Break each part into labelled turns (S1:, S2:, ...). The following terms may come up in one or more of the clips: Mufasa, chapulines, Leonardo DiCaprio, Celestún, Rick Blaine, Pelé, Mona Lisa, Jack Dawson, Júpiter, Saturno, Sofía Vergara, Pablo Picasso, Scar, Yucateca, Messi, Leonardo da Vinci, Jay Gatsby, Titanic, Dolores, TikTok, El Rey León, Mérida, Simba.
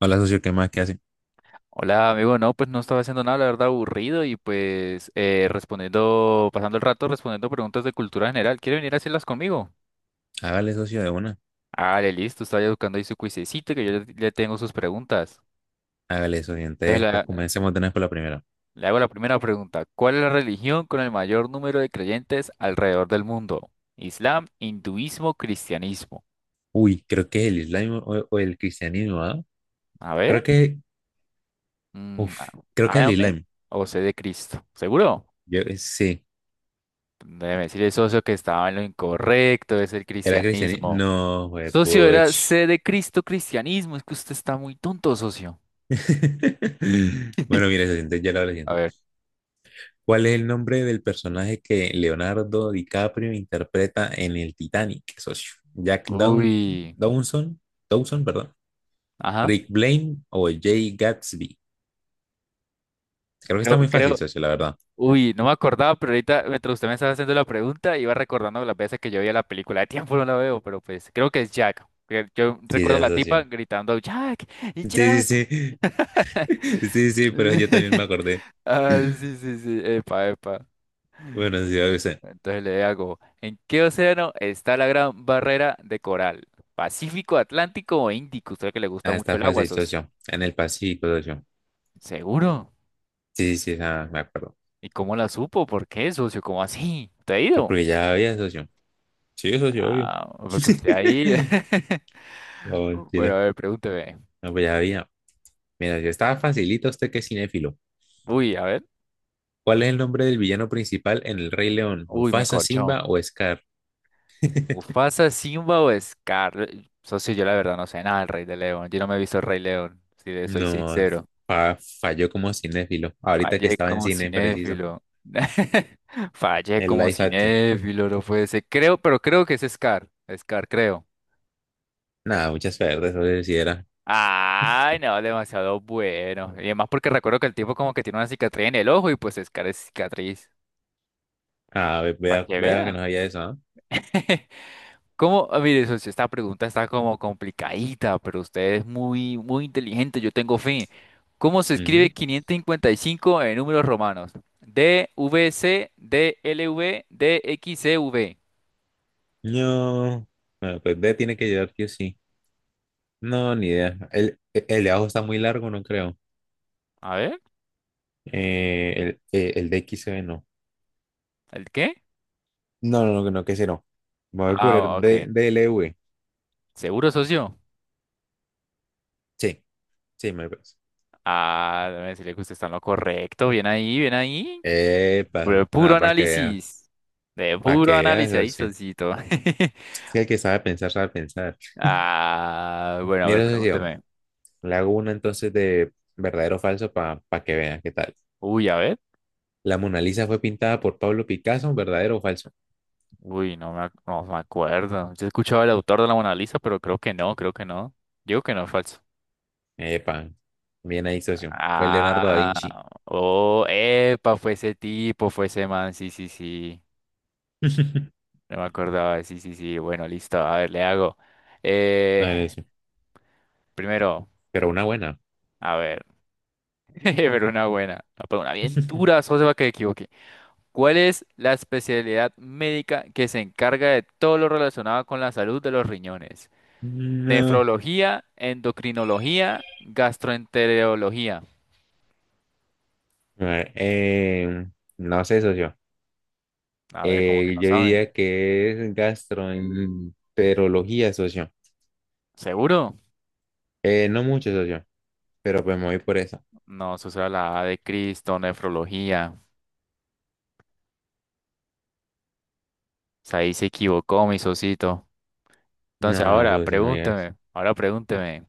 S1: Hola, socio, ¿qué más que hace?
S2: Hola, amigo. No, pues no estaba haciendo nada, la verdad, aburrido y pues respondiendo, pasando el rato respondiendo preguntas de cultura general. ¿Quiere venir a hacerlas conmigo?
S1: Hágale, socio, de una.
S2: Ah, listo, estaba ya buscando ahí su cuisecito que yo le tengo sus preguntas.
S1: Hágale, socio.
S2: Entonces
S1: Entonces, pues
S2: la-
S1: comencemos de una vez por la primera.
S2: Le hago la primera pregunta. ¿Cuál es la religión con el mayor número de creyentes alrededor del mundo? Islam, hinduismo, cristianismo.
S1: Uy, creo que es el Islam o el cristianismo, ¿ah?
S2: A ver.
S1: Creo que,
S2: mm,
S1: uf,
S2: a-
S1: creo que es el
S2: Amén
S1: Islam.
S2: o sé de Cristo. ¿Seguro?
S1: Yo, sí,
S2: Debe decirle, socio, que estaba en lo incorrecto, es el
S1: era cristianismo.
S2: cristianismo.
S1: No, güey,
S2: Socio, era
S1: puch.
S2: C de Cristo, cristianismo. Es que usted está muy tonto, socio.
S1: Bueno, mira, socio, entonces ya lo hago la
S2: A
S1: siguiente.
S2: ver.
S1: ¿Cuál es el nombre del personaje que Leonardo DiCaprio interpreta en el Titanic, socio? ¿Jack Down,
S2: Uy.
S1: Dawson? Dawson, perdón.
S2: Ajá.
S1: ¿Rick Blaine o Jay Gatsby? Creo que está
S2: Creo,
S1: muy fácil,
S2: creo.
S1: socio, la verdad.
S2: Uy, no me acordaba, pero ahorita mientras usted me estaba haciendo la pregunta, iba recordando las veces que yo veía la película. De tiempo no la veo, pero pues creo que es Jack. Que yo
S1: Sí,
S2: recuerdo a
S1: ya
S2: la tipa
S1: socio.
S2: gritando, Jack,
S1: Sí,
S2: Jack.
S1: sí, sí. Sí, sí, pero yo también me acordé.
S2: Ah, sí, sí, sí. Epa, epa.
S1: Bueno, sí, a veces.
S2: Entonces le hago, ¿en qué océano está la gran barrera de coral? ¿Pacífico, Atlántico o Índico? Usted que le gusta
S1: Ah,
S2: mucho
S1: está
S2: el agua,
S1: fácil,
S2: socio.
S1: socio. En el Pacífico, socio.
S2: ¿Seguro?
S1: Sí, sí, sí, ah, me acuerdo.
S2: ¿Y cómo la supo? ¿Por qué, socio? ¿Cómo así? ¿Te ha
S1: Pero
S2: ido?
S1: porque ya había, socio. Sí, socio, obvio.
S2: Ah, porque usted ahí.
S1: No,
S2: Bueno, a
S1: mentira.
S2: ver, pregúnteme.
S1: No, pues ya había. Mira, yo estaba facilito usted que es cinéfilo.
S2: Uy, a ver.
S1: ¿Cuál es el nombre del villano principal en El Rey León?
S2: Uy, me
S1: ¿Mufasa,
S2: corchó.
S1: Simba o Scar?
S2: ¿Mufasa, Simba o Scar? Socio, yo la verdad no sé nada del Rey de León. Yo no me he visto el Rey León, si le soy
S1: No,
S2: sincero.
S1: falló como cinéfilo. Ahorita que
S2: Fallé
S1: estaba en
S2: como
S1: cine, preciso.
S2: cinéfilo. Fallé
S1: El
S2: como
S1: live action.
S2: cinéfilo, no puede ser. Creo, pero creo que es Scar. Scar, creo.
S1: Nada, muchas verdes, eso se hiciera.
S2: Ay, no, demasiado bueno. Y además porque recuerdo que el tipo como que tiene una cicatriz en el ojo y pues Scar es cicatriz.
S1: Ah, ve-
S2: Para
S1: vea,
S2: que
S1: vea que
S2: vean.
S1: no sabía eso, ¿ah?
S2: Como, ah, mire, socio, esta pregunta está como complicadita, pero usted es muy, muy inteligente, yo tengo fe. ¿Cómo se escribe
S1: Ujú.
S2: 555 en números romanos? D, V, C, D, L, V, D, X, C, V.
S1: No. Bueno, pues B tiene que llegar que sí. No, ni idea. El de abajo está muy largo, no creo.
S2: A ver.
S1: El de XB no.
S2: ¿El qué?
S1: No, no, no, no, que ese no. Me voy por
S2: Ah,
S1: el D,
S2: ok.
S1: DLV.
S2: ¿Seguro, socio?
S1: Sí, sí, me parece.
S2: Ah, déjame decirle que usted está en lo correcto. Bien ahí, bien ahí.
S1: Epa,
S2: De puro
S1: nada, para que vea.
S2: análisis. De
S1: Para que
S2: puro
S1: vea,
S2: análisis ahí,
S1: socio. Sí,
S2: socito.
S1: sí, el que sabe pensar, sabe pensar.
S2: Ah, bueno, a ver,
S1: Mira, socio,
S2: pregúnteme.
S1: le hago una entonces de verdadero o falso para que vea qué tal.
S2: Uy, a ver.
S1: La Mona Lisa fue pintada por Pablo Picasso, ¿verdadero o falso?
S2: Uy, no me, ac- No me acuerdo. Yo he escuchado el autor de la Mona Lisa, pero creo que no, creo que no. Digo que no, es falso.
S1: Epa, bien ahí, socio. Fue Leonardo da Vinci.
S2: Ah, oh, epa, fue ese tipo, fue ese man, sí, sí, sí. No me acordaba, sí, sí, sí, bueno, listo, a ver, le hago.
S1: A ver,
S2: Eh,
S1: eso.
S2: primero,
S1: Pero una buena.
S2: a ver, pero una buena, no, pero una bien dura, solo se va a que me equivoque. ¿Cuál es la especialidad médica que se encarga de todo lo relacionado con la salud de los riñones?
S1: No.
S2: Nefrología, endocrinología, gastroenterología.
S1: A ver, no sé, socio.
S2: A ver, como que no
S1: Yo
S2: saben.
S1: diría que es gastroenterología, socio.
S2: ¿Seguro?
S1: No mucho, socio, pero pues me voy por eso.
S2: No, eso será la A de Cristo, nefrología. O sea, ahí se equivocó mi socito. Entonces
S1: No,
S2: ahora,
S1: socio, no digas eso.
S2: pregúnteme, ahora pregúnteme.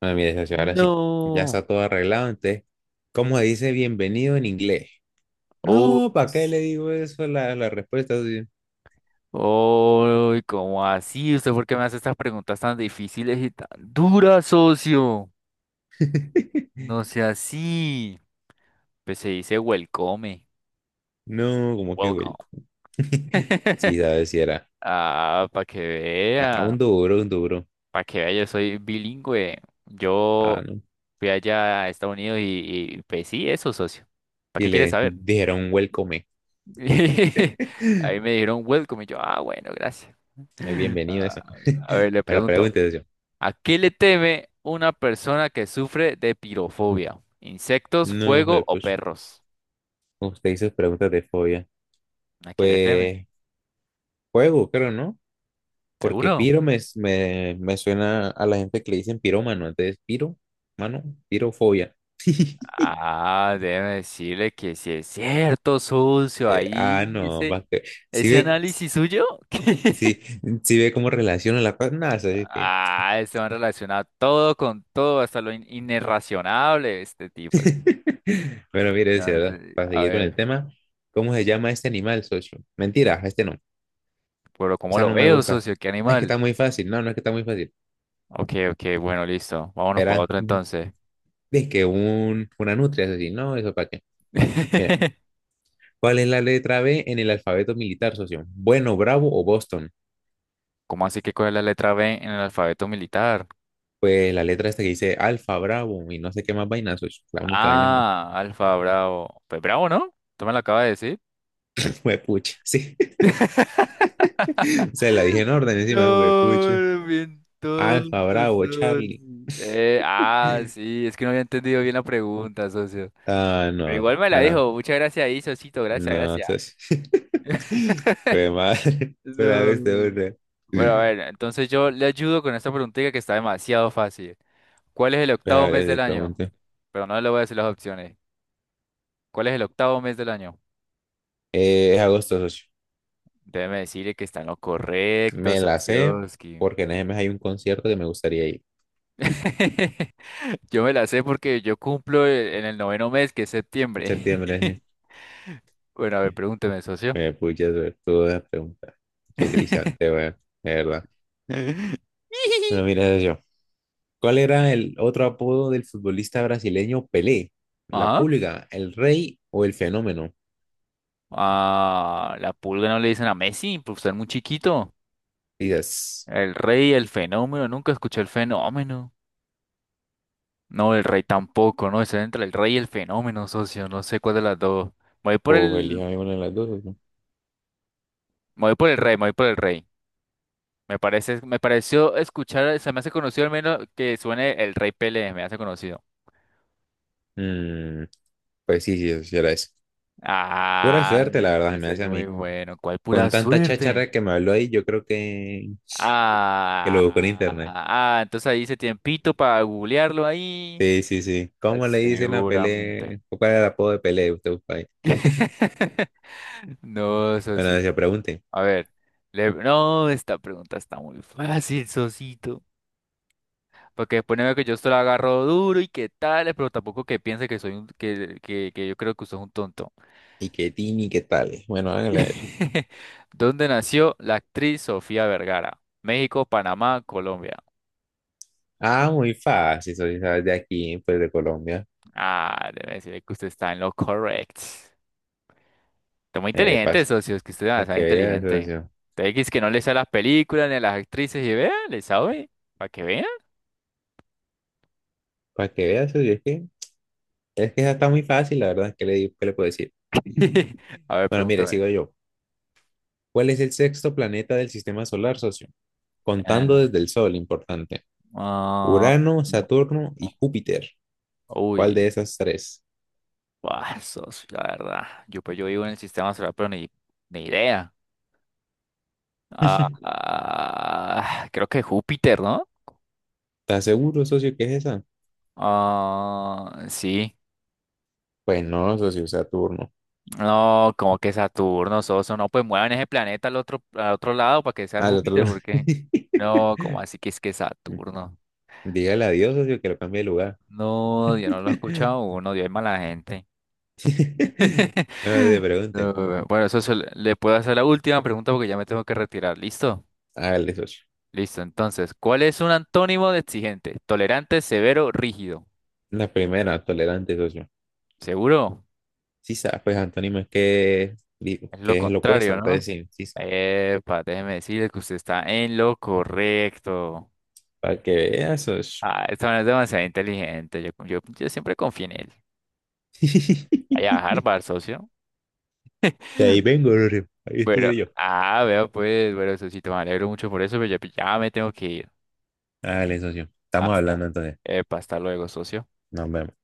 S1: Bueno, mire, socio, ahora sí. Ya
S2: No.
S1: está todo arreglado, entonces, ¿cómo dice bienvenido en inglés?
S2: Uy,
S1: No, ¿para qué
S2: s-
S1: le digo eso? La respuesta, socio.
S2: ¿Cómo así? ¿Usted por qué me hace estas preguntas tan difíciles y tan duras, socio? No sea así. Pues se dice welcome.
S1: No, como que
S2: Welcome.
S1: welcome. Sí, sabes si era.
S2: Ah, para que
S1: A un
S2: vea.
S1: duro, un duro.
S2: Para que vea, yo soy bilingüe.
S1: Ah,
S2: Yo
S1: no.
S2: fui allá a Estados Unidos y pues sí, eso, socio. ¿Para
S1: Y
S2: qué quieres
S1: le
S2: saber?
S1: dijeron welcome.
S2: Ahí me dijeron welcome y yo, ah, bueno, gracias.
S1: Bienvenido
S2: Ah,
S1: eso.
S2: a ver, le
S1: Ahora
S2: pregunto.
S1: pregúntese yo.
S2: ¿A qué le teme una persona que sufre de pirofobia? ¿Insectos,
S1: No,
S2: fuego o
S1: pues,
S2: perros?
S1: usted hizo preguntas de fobia.
S2: ¿A qué le teme?
S1: Pues, juego, creo, ¿no? Porque
S2: ¿Seguro?
S1: piro me suena a la gente que le dicen pirómano. Entonces, piro, mano, pirofobia.
S2: Ah, déjeme decirle que si es cierto, sucio,
S1: Eh, ah,
S2: ahí
S1: no,
S2: ese,
S1: si
S2: ese
S1: ve,
S2: análisis suyo.
S1: si, si ve cómo relaciona la cosa. Nada,
S2: Ah, este man relaciona todo con todo, hasta inirracionable, este tipo. Es-
S1: bueno, mire, decía,
S2: no
S1: ¿verdad?
S2: sé,
S1: Para
S2: A
S1: seguir con el
S2: ver,
S1: tema, ¿cómo se llama este animal, socio? Mentira, este no,
S2: pero ¿cómo
S1: esa
S2: lo
S1: no me
S2: veo,
S1: gusta.
S2: socio? ¿Qué
S1: Es que
S2: animal?
S1: está muy fácil, no, no es que está muy fácil.
S2: Ok, ok, bueno, listo. Vámonos para
S1: Era,
S2: otro entonces.
S1: es que una nutria, es decir, no, eso para qué. Mira, ¿cuál es la letra B en el alfabeto militar, socio? Bueno, Bravo o Boston.
S2: ¿Cómo así que cuál es la letra B en el alfabeto militar?
S1: Pues la letra esta que dice Alfa, Bravo y no sé qué más vaina, socio. La única vaina que me...
S2: Ah, Alfa Bravo. Pues Bravo, ¿no? Tú me lo acabas de decir.
S1: Fue pucha, sí. Se la dije en orden encima, fue pucha.
S2: No, bien
S1: Alfa,
S2: tonto.
S1: Bravo, Charlie.
S2: Ah, sí, es que no había entendido bien la pregunta, socio.
S1: Ah,
S2: Pero
S1: no,
S2: igual me la
S1: bueno,
S2: dijo. Muchas gracias ahí, socito. Gracias,
S1: no,
S2: gracias.
S1: ¿sabes? Fue madre. Pero a
S2: No.
S1: ver, te una.
S2: Bueno, a ver,
S1: Pues,
S2: entonces yo le ayudo con esta preguntita que está demasiado fácil. ¿Cuál es el
S1: a
S2: octavo mes
S1: ver, si
S2: del año?
S1: pregunto.
S2: Pero no le voy a decir las opciones. ¿Cuál es el octavo mes del año?
S1: Es agosto, socio.
S2: Déjeme decirle que está en lo correcto,
S1: Me la sé
S2: Socioski.
S1: porque en ese mes hay un concierto que me gustaría ir.
S2: Yo me la sé porque yo cumplo en el noveno mes, que es
S1: En
S2: septiembre.
S1: septiembre, sí.
S2: Bueno, a ver, pregúnteme, socio.
S1: Me pucha sobre todas las preguntas que le hice antes, weón. De verdad. Bueno, mira, socio. ¿Cuál era el otro apodo del futbolista brasileño Pelé? ¿La
S2: Ajá.
S1: pulga, el rey o el fenómeno?
S2: Ah, la pulga no le dicen a Messi, pues está muy chiquito.
S1: Dices,
S2: El rey, el fenómeno, nunca escuché el fenómeno. No, el rey tampoco, ¿no? Está entre el rey y el fenómeno, socio. No sé cuál de las dos. Me voy por
S1: o
S2: el,
S1: elija alguna de las dos, socio.
S2: me voy por el rey. Me parece, me pareció escuchar, se me hace conocido al menos que suene el Rey Pelé, me hace conocido.
S1: Mm, pues sí, sí, socio, era eso. Pura
S2: Ah,
S1: suerte, la verdad, se
S2: yo
S1: me
S2: soy
S1: hace a
S2: muy
S1: mí.
S2: bueno. ¿Cuál pura
S1: Con tanta
S2: suerte?
S1: cháchara que me habló ahí, yo creo que, lo buscó en internet.
S2: Ah, ah, entonces ahí hice tiempito para googlearlo ahí.
S1: Sí, sí, sí.
S2: Ah,
S1: ¿Cómo le dicen a
S2: seguramente.
S1: Pelé? ¿Cuál era el apodo de Pelé? Usted busca ahí.
S2: No,
S1: Bueno,
S2: Sosi.
S1: se pregunte.
S2: A ver, no, esta pregunta está muy fácil, Sosito. Porque después no veo que yo esto lo agarro duro y qué tal, pero tampoco que piense que soy un, que yo creo que usted es un tonto.
S1: ¿Y qué tini, qué tal? Bueno, háganle a ver.
S2: ¿Dónde nació la actriz Sofía Vergara? México, Panamá, Colombia.
S1: Ah, muy fácil, soy, ¿sabes? De aquí, pues de Colombia.
S2: Ah, debe decir que usted está en lo correcto. Está muy inteligente,
S1: Pasa.
S2: socio, es que usted es
S1: Para
S2: demasiado
S1: que vea eso,
S2: inteligente.
S1: socio.
S2: Usted dice que no le sabe las películas ni a las actrices y vea, le sabe, para que vean.
S1: Para que vea eso, es que esa está muy fácil, la verdad, ¿qué le puedo decir?
S2: A ver,
S1: Bueno, mire,
S2: pregúntame.
S1: sigo yo. ¿Cuál es el sexto planeta del sistema solar, socio?
S2: Eh,
S1: Contando desde el Sol, importante.
S2: ah,
S1: Urano, Saturno y Júpiter. ¿Cuál de
S2: uy,
S1: esas tres?
S2: buah, socio, la verdad. Yo, pues, yo vivo en el sistema solar, pero ni idea. Ah, ah, creo que Júpiter, ¿no?
S1: ¿Estás seguro, socio, que es esa?
S2: Ah, sí.
S1: Pues no, socio, Saturno.
S2: No, como que Saturno, Soso, no, pues muevan ese planeta al otro lado para que sea
S1: Al otro
S2: Júpiter,
S1: lado.
S2: porque no, como así que es que Saturno.
S1: Dígale adiós, socio, que lo cambie de lugar.
S2: No, yo no lo he escuchado uno, Dios es mala gente.
S1: No te
S2: No,
S1: pregunte.
S2: bueno, eso se le puedo hacer la última pregunta porque ya me tengo que retirar. ¿Listo?
S1: Hágale, socio.
S2: Listo. Entonces, ¿cuál es un antónimo de exigente? Tolerante, severo, rígido.
S1: La primera, tolerante, socio.
S2: ¿Seguro?
S1: Sí sabe, pues antónimo es que,
S2: Es lo
S1: que es lo opuesto,
S2: contrario,
S1: entonces
S2: ¿no?
S1: sí, sí sabe.
S2: Epa, déjeme decirle que usted está en lo correcto.
S1: Para que veas, socio.
S2: Ah, esta man es demasiado inteligente. Yo siempre confío en él. Vaya a Harvard, socio.
S1: Que ahí vengo, socio. Ahí
S2: Pero,
S1: estudio yo.
S2: ah, vea pues, bueno, socito, me alegro mucho por eso, pero ya me tengo que ir.
S1: Hágale, socio. Estamos
S2: Hasta,
S1: hablando entonces.
S2: epa, hasta luego, socio.
S1: Nos vemos.